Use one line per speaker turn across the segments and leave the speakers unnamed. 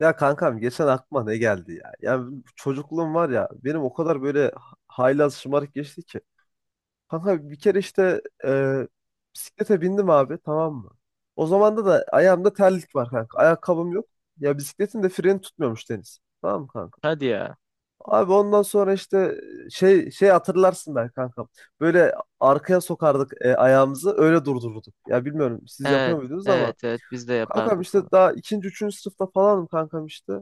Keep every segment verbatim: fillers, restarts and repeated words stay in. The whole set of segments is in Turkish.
Ya kankam geçen aklıma ne geldi ya? Ya çocukluğum var ya benim o kadar böyle haylaz şımarık geçti ki. Kanka bir kere işte e, bisiklete bindim abi, tamam mı? O zaman da da ayağımda terlik var kanka. Ayakkabım yok. Ya bisikletin de freni tutmuyormuş Deniz. Tamam mı kanka?
Hadi ya.
Abi ondan sonra işte şey şey hatırlarsın ben kankam. Böyle arkaya sokardık e, ayağımızı öyle durdururduk. Ya bilmiyorum siz yapıyor
Evet,
muydunuz ama
evet, evet biz de
kankam
yapardık onu.
işte daha ikinci üçüncü sınıfta falanım kankam işte.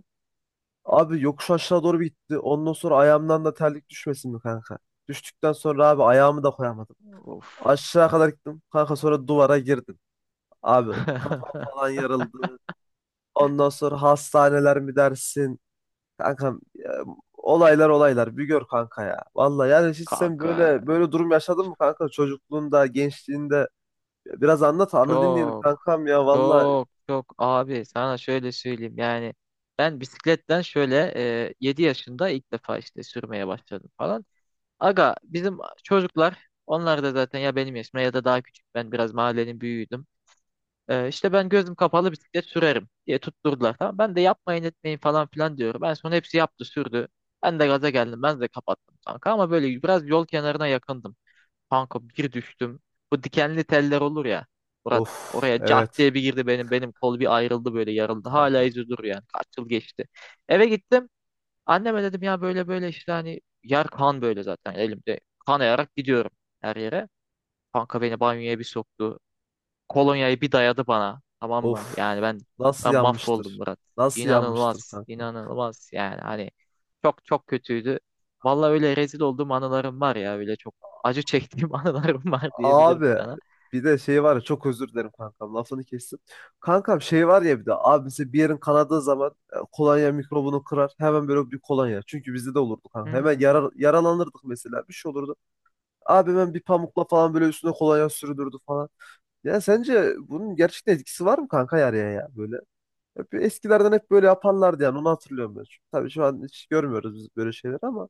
Abi yokuş aşağı doğru bir gitti. Ondan sonra ayağımdan da terlik düşmesin mi kanka? Düştükten sonra abi ayağımı da koyamadım.
Of.
Aşağı kadar gittim. Kanka sonra duvara girdim. Abi kafam falan yarıldı. Ondan sonra hastaneler mi dersin? Kankam ya, olaylar olaylar. Bir gör kanka ya. Vallahi yani hiç sen
Kanka
böyle böyle durum yaşadın mı kanka? Çocukluğunda, gençliğinde. Biraz anlat, anla dinleyelim
çok
kankam ya. Vallahi
çok çok abi sana şöyle söyleyeyim yani ben bisikletten şöyle e, yedi yaşında ilk defa işte sürmeye başladım falan. Aga bizim çocuklar onlar da zaten ya benim yaşımda ya da daha küçük, ben biraz mahallenin büyüğüydüm. Ee, işte ben gözüm kapalı bisiklet sürerim diye tutturdular. Tamam. Ben de yapmayın etmeyin falan filan diyorum. En son hepsi yaptı sürdü. Ben de gaza geldim. Ben de kapattım kanka, ama böyle biraz yol kenarına yakındım. Kanka bir düştüm. Bu dikenli teller olur ya. Murat
of,
oraya cart
evet
diye bir girdi benim. Benim kol bir ayrıldı böyle, yarıldı. Hala
kanka.
izi duruyor yani. Kaç yıl geçti. Eve gittim. Anneme dedim ya böyle böyle işte, hani yer kan, böyle zaten elimde. Kanayarak gidiyorum her yere. Kanka beni banyoya bir soktu. Kolonyayı bir dayadı bana. Tamam mı?
Of,
Yani ben
nasıl
ben mahvoldum
yanmıştır?
Murat.
Nasıl yanmıştır
İnanılmaz,
kanka?
inanılmaz yani hani çok çok kötüydü. Vallahi öyle rezil olduğum anılarım var ya, öyle çok acı çektiğim anılarım var diyebilirim
Abi
sana.
bir de şey var ya, çok özür dilerim kankam, lafını kestim. Kankam şey var ya, bir de abi mesela bir yerin kanadığı zaman e, kolonya mikrobunu kırar hemen, böyle bir kolonya. Çünkü bizde de olurdu kanka, hemen
Hmm.
yara- yaralanırdık mesela, bir şey olurdu. Abi hemen bir pamukla falan böyle üstüne kolonya sürdürdü falan. Ya sence bunun gerçekten etkisi var mı kanka, yaraya ya böyle? Hep eskilerden hep böyle yaparlardı yani, onu hatırlıyorum ben. Çünkü tabii şu an hiç görmüyoruz biz böyle şeyler ama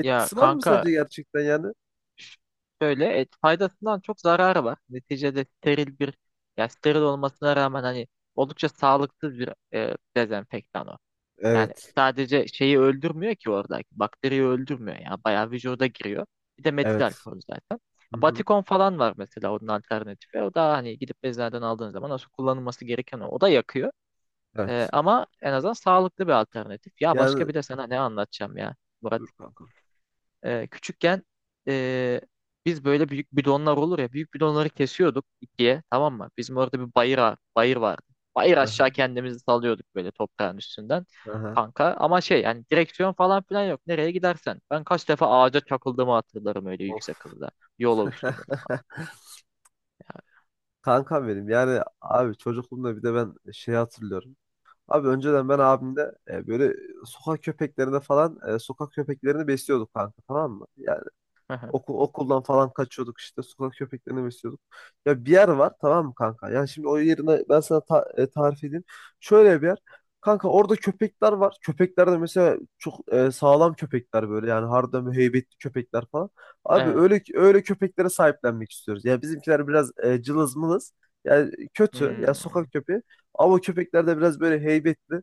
Ya
var mı sence
kanka,
gerçekten yani?
ş- şöyle et, faydasından çok zararı var. Neticede steril bir, ya steril olmasına rağmen hani oldukça sağlıksız bir e, dezenfektan o. Yani
Evet.
sadece şeyi öldürmüyor ki oradaki. Bakteriyi öldürmüyor. Yani bayağı vücuda giriyor. Bir de metil
Evet.
alkol zaten.
Hı hı.
Batikon falan var mesela, onun alternatifi. O da hani gidip eczaneden aldığın zaman nasıl kullanılması gereken o. O da yakıyor. Ee,
Evet.
ama en azından sağlıklı bir alternatif. Ya başka
Yani
bir de sana ne anlatacağım ya Murat.
dur kanka.
Ee, küçükken ee, biz böyle büyük bidonlar olur ya, büyük bidonları kesiyorduk ikiye, tamam mı? Bizim orada bir bayır, a- bayır vardı. Bayır aşağı
Aha,
kendimizi salıyorduk böyle toprağın üstünden
aha.
kanka. Ama şey, yani direksiyon falan filan yok. Nereye gidersen. Ben kaç defa ağaca çakıldığımı hatırlarım öyle
Of.
yüksek hızda. Yola uçtuğumu falan.
Kankam benim yani abi çocukluğumda bir de ben şey hatırlıyorum. Abi önceden ben abimle e, böyle sokak köpeklerine falan, e, sokak köpeklerini besliyorduk kanka, tamam mı? Ya Okul, okuldan falan kaçıyorduk işte. Sokak köpeklerini besliyorduk. Ya bir yer var tamam mı kanka? Yani şimdi o yerine ben sana ta- e, tarif edeyim. Şöyle bir yer. Kanka orada köpekler var. Köpekler de mesela çok e, sağlam köpekler böyle. Yani harbiden heybetli köpekler falan. Abi
Evet.
öyle öyle köpeklere sahiplenmek istiyoruz. Ya bizimkiler biraz e, cılız mılız. Yani kötü. Ya
Hmm.
sokak köpeği. Ama o köpekler de biraz böyle heybetli.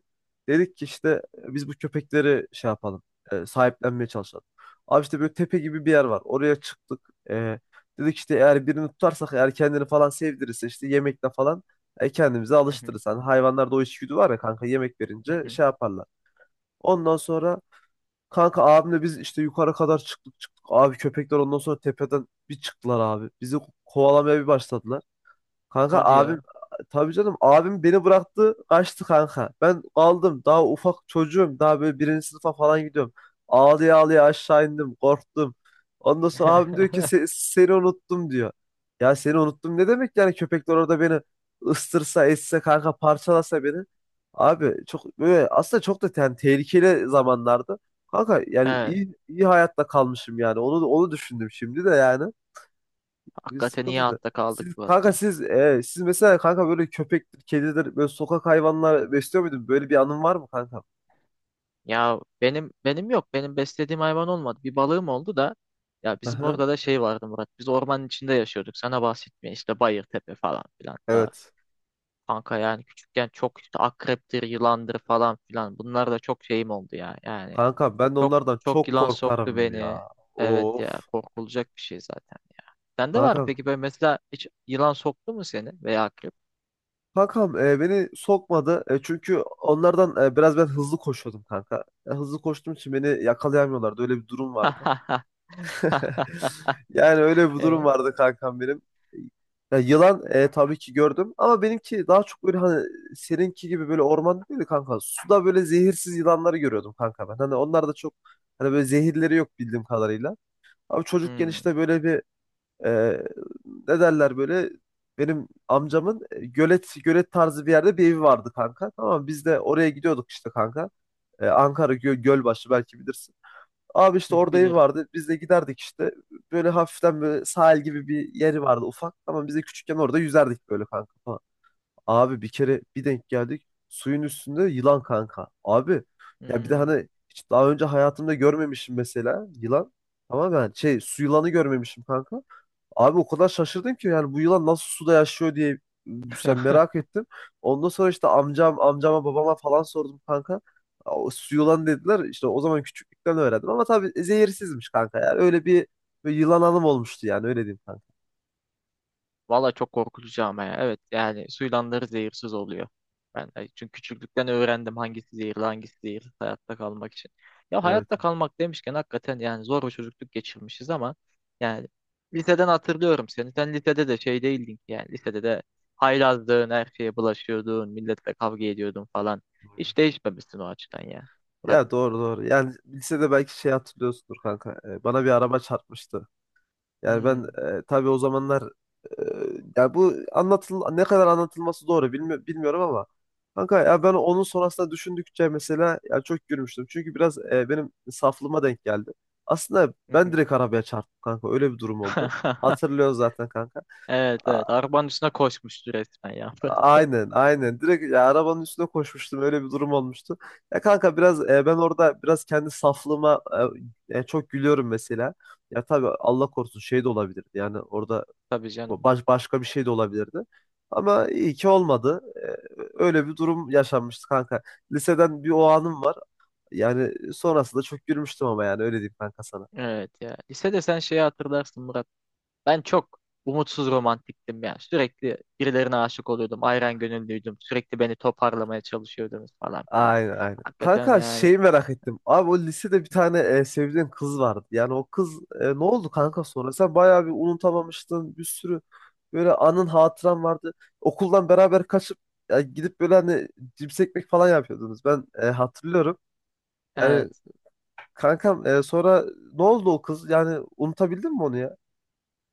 Dedik ki işte e, biz bu köpekleri şey yapalım. E, sahiplenmeye çalışalım. Abi işte böyle tepe gibi bir yer var. Oraya çıktık. Ee, Dedik işte eğer birini tutarsak, eğer kendini falan sevdirirse işte yemekle falan e, kendimizi
Hı hı,
alıştırırız. Hani hayvanlarda o içgüdü var ya kanka, yemek
hı
verince
hı.
şey yaparlar. Ondan sonra kanka abimle biz işte yukarı kadar çıktık çıktık. Abi köpekler ondan sonra tepeden bir çıktılar abi. Bizi kovalamaya bir başladılar. Kanka
Hadi
abim
ya.
tabii canım abim beni bıraktı kaçtı kanka. Ben kaldım, daha ufak çocuğum, daha böyle birinci sınıfa falan gidiyorum. Ağlaya ağlaya aşağı indim, korktum. Ondan sonra abim diyor ki, "Se- seni unuttum," diyor. Ya seni unuttum ne demek yani, köpekler orada beni ıstırsa etse kanka, parçalasa beni. Abi çok böyle, aslında çok da yani tehlikeli zamanlardı. Kanka yani
Evet.
iyi, iyi hayatta kalmışım yani, onu onu düşündüm şimdi de yani. Bir
Hakikaten iyi
sıkıntı da.
hatta
Siz
kaldık bu at
kanka
ya.
siz, e, siz mesela kanka böyle köpektir, kedidir, böyle sokak hayvanlar besliyor muydun? Böyle bir anın var mı kanka?
Ya benim benim yok. Benim beslediğim hayvan olmadı. Bir balığım oldu da, ya bizim
Aha,
orada da şey vardı Murat. Biz ormanın içinde yaşıyorduk. Sana bahsetmeye işte Bayırtepe falan filan. Daha
evet.
kanka, yani küçükken çok işte akreptir, yılandır falan filan. Bunlar da çok şeyim oldu ya. Yani
Kanka ben de
çok
onlardan
çok
çok
yılan soktu
korkarım
beni.
ya.
Evet ya,
Of.
korkulacak bir şey zaten ya. Sende var mı
Kankam.
peki böyle, mesela hiç yılan soktu mu seni veya akrep?
Kankam e, beni sokmadı. E, çünkü onlardan e, biraz ben hızlı koşuyordum kanka. E, hızlı koştuğum için beni yakalayamıyorlardı. Öyle bir durum vardı. Yani öyle bir durum
E?
vardı kankam benim. Ya yılan e, tabii ki gördüm ama benimki daha çok böyle hani seninki gibi böyle ormanda değil de kanka. Suda böyle zehirsiz yılanları görüyordum kanka ben. Hani onlar da çok, hani böyle zehirleri yok bildiğim kadarıyla. Abi çocukken
Hmm.
işte böyle bir e, ne derler böyle, benim amcamın e, gölet gölet tarzı bir yerde bir evi vardı kanka. Tamam mı? Biz de oraya gidiyorduk işte kanka. E, Ankara Gö- Gölbaşı, belki bilirsin. Abi işte orada ev
Bilirim.
vardı. Biz de giderdik işte. Böyle hafiften böyle sahil gibi bir yeri vardı ufak. Ama biz de küçükken orada yüzerdik böyle kanka falan. Abi bir kere bir denk geldik. Suyun üstünde yılan kanka. Abi ya bir de
Hmm.
hani hiç daha önce hayatımda görmemişim mesela yılan. Tamam ben şey, su yılanı görmemişim kanka. Abi o kadar şaşırdım ki yani, bu yılan nasıl suda yaşıyor diye sen merak ettim. Ondan sonra işte amcam, amcama, babama falan sordum kanka. O su yılan dediler. İşte o zaman küçüklükten öğrendim ama tabii zehirsizmiş kanka ya. Öyle bir, bir yılan anım olmuştu yani, öyle diyeyim kanka.
Valla çok korkutucu ama ya. Evet, yani suylanları zehirsiz oluyor. Ben de çünkü küçüklükten öğrendim hangisi zehirli hangisi zehirsiz, hayatta kalmak için. Ya
Evet.
hayatta kalmak demişken, hakikaten yani zor bir çocukluk geçirmişiz ama yani liseden hatırlıyorum seni. Sen lisede de şey değildin ki, yani lisede de haylazdın, her şeye bulaşıyordun, milletle kavga ediyordun falan. Hiç değişmemişsin o açıdan ya. Murat.
Ya doğru doğru. Yani lisede belki şey hatırlıyorsundur kanka. Ee, Bana bir araba çarpmıştı. Yani ben
Hmm.
e, tabii o zamanlar e, ya bu anlatıl ne kadar anlatılması doğru bilmi- bilmiyorum ama kanka ya, ben onun sonrasında düşündükçe mesela ya çok gülmüştüm. Çünkü biraz e, benim saflığıma denk geldi. Aslında ben direkt arabaya çarptım kanka. Öyle bir durum oldu. Hatırlıyorsun zaten kanka.
Evet
A-
evet. Arabanın üstüne koşmuştu resmen ya.
aynen aynen. Direkt ya arabanın üstüne koşmuştum. Öyle bir durum olmuştu. Ya kanka biraz e, ben orada biraz kendi saflığıma e, e, çok gülüyorum mesela. Ya tabii Allah korusun şey de olabilirdi. Yani orada
Tabii canım.
bu Baş, başka bir şey de olabilirdi. Ama iyi ki olmadı. Ee, öyle bir durum yaşanmıştı kanka. Liseden bir o anım var. Yani sonrasında çok gülmüştüm ama yani öyle diyeyim kanka sana.
Evet ya. Lisede sen şeyi hatırlarsın Murat. Ben çok umutsuz romantiktim ya. Sürekli birilerine aşık oluyordum. Ayran gönüllüydüm. Sürekli beni toparlamaya çalışıyordunuz falan filan.
Aynen aynen.
Hakikaten
Kanka
yani.
şeyi merak ettim. Abi o lisede bir tane e, sevdiğin kız vardı. Yani o kız e, ne oldu kanka sonra? Sen bayağı bir unutamamıştın. Bir sürü böyle anın, hatıran vardı. Okuldan beraber kaçıp ya gidip böyle hani cips ekmek falan yapıyordunuz. Ben e, hatırlıyorum. Yani
Evet.
kankam e, sonra ne oldu o kız? Yani unutabildin mi onu ya?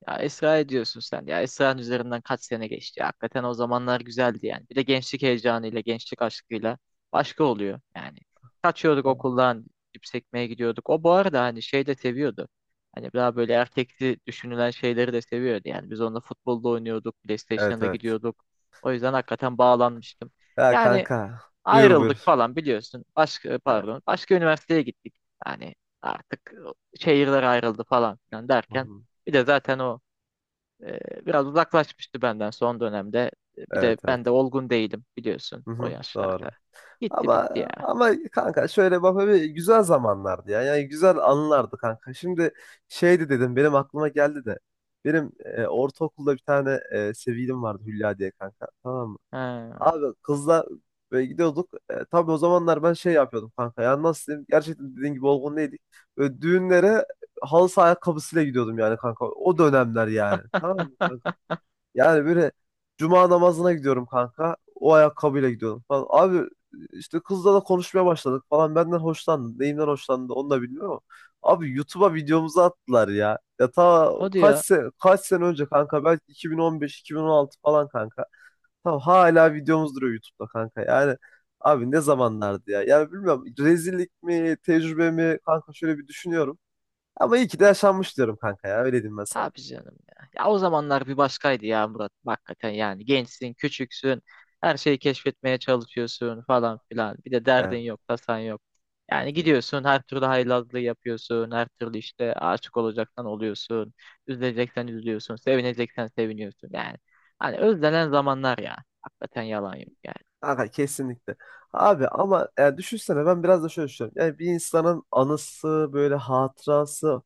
Ya Esra'ya diyorsun sen. Ya Esra'nın üzerinden kaç sene geçti. Ya hakikaten o zamanlar güzeldi yani. Bir de gençlik heyecanıyla, gençlik aşkıyla başka oluyor yani. Kaçıyorduk okuldan, cips ekmeye gidiyorduk. O bu arada hani şey de seviyordu. Hani daha böyle erkekli düşünülen şeyleri de seviyordu. Yani biz onunla futbolda oynuyorduk,
Evet
PlayStation'a da
evet.
gidiyorduk. O yüzden hakikaten bağlanmıştım.
Ya
Yani
kanka. Buyur buyur.
ayrıldık falan biliyorsun. Başka,
Evet.
pardon, başka üniversiteye gittik. Yani artık şehirler ayrıldı falan filan
Hı
derken.
hı.
Bir de zaten o e, biraz uzaklaşmıştı benden son dönemde. E, Bir de
Evet evet.
ben de olgun değilim biliyorsun
Hı
o
hı, doğru.
yaşlarda. Gitti
Ama
bitti ya.
ama kanka şöyle bak, bir güzel zamanlardı ya. Yani güzel anılardı kanka. Şimdi şeydi dedim, benim aklıma geldi de. Benim e, ortaokulda bir tane e, sevgilim vardı Hülya diye kanka. Tamam mı?
Ha.
Abi kızla böyle gidiyorduk. E, tabii o zamanlar ben şey yapıyordum kanka. Ya nasıl diyeyim? Gerçekten dediğin gibi olgun değildik. Böyle düğünlere halı saha ayakkabısıyla gidiyordum yani kanka. O dönemler yani. Tamam mı kanka? Yani böyle cuma namazına gidiyorum kanka. O ayakkabıyla gidiyordum falan. Abi işte kızla da konuşmaya başladık falan. Benden hoşlandı. Neyimden hoşlandı onu da bilmiyorum ama. Abi YouTube'a videomuzu attılar ya. Ya ta
Hadi
kaç
ya.
sene, kaç sene önce kanka. Belki iki bin on beş-iki bin on altı falan kanka. Tamam hala videomuz duruyor YouTube'da kanka. Yani abi ne zamanlardı ya. Yani bilmiyorum rezillik mi, tecrübe mi kanka, şöyle bir düşünüyorum. Ama iyi ki de yaşanmış diyorum kanka ya. Öyle diyeyim ben sana.
Tabii canım ya. Ya o zamanlar bir başkaydı ya Murat. Hakikaten yani gençsin, küçüksün. Her şeyi keşfetmeye çalışıyorsun falan filan. Bir de
Evet,
derdin yok, tasan yok.
evet.
Yani
Evet.
gidiyorsun her türlü haylazlığı yapıyorsun. Her türlü işte aşık olacaksan oluyorsun. Üzüleceksen üzülüyorsun. Sevineceksen seviniyorsun. Yani hani özlenen zamanlar ya. Hakikaten yalan yok yani.
Kanka kesinlikle. Abi ama yani düşünsene, ben biraz da şöyle düşünüyorum. Yani bir insanın anısı, böyle hatırası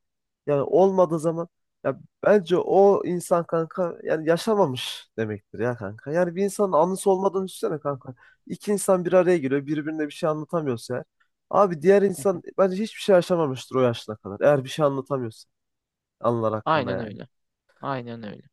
yani olmadığı zaman, ya bence o insan kanka yani yaşamamış demektir ya kanka. Yani bir insanın anısı olmadığını düşünsene kanka. İki insan bir araya geliyor birbirine bir şey anlatamıyorsa eğer. Abi diğer insan bence hiçbir şey yaşamamıştır o yaşına kadar. Eğer bir şey anlatamıyorsa anılar hakkında
Aynen
yani.
öyle. Aynen öyle.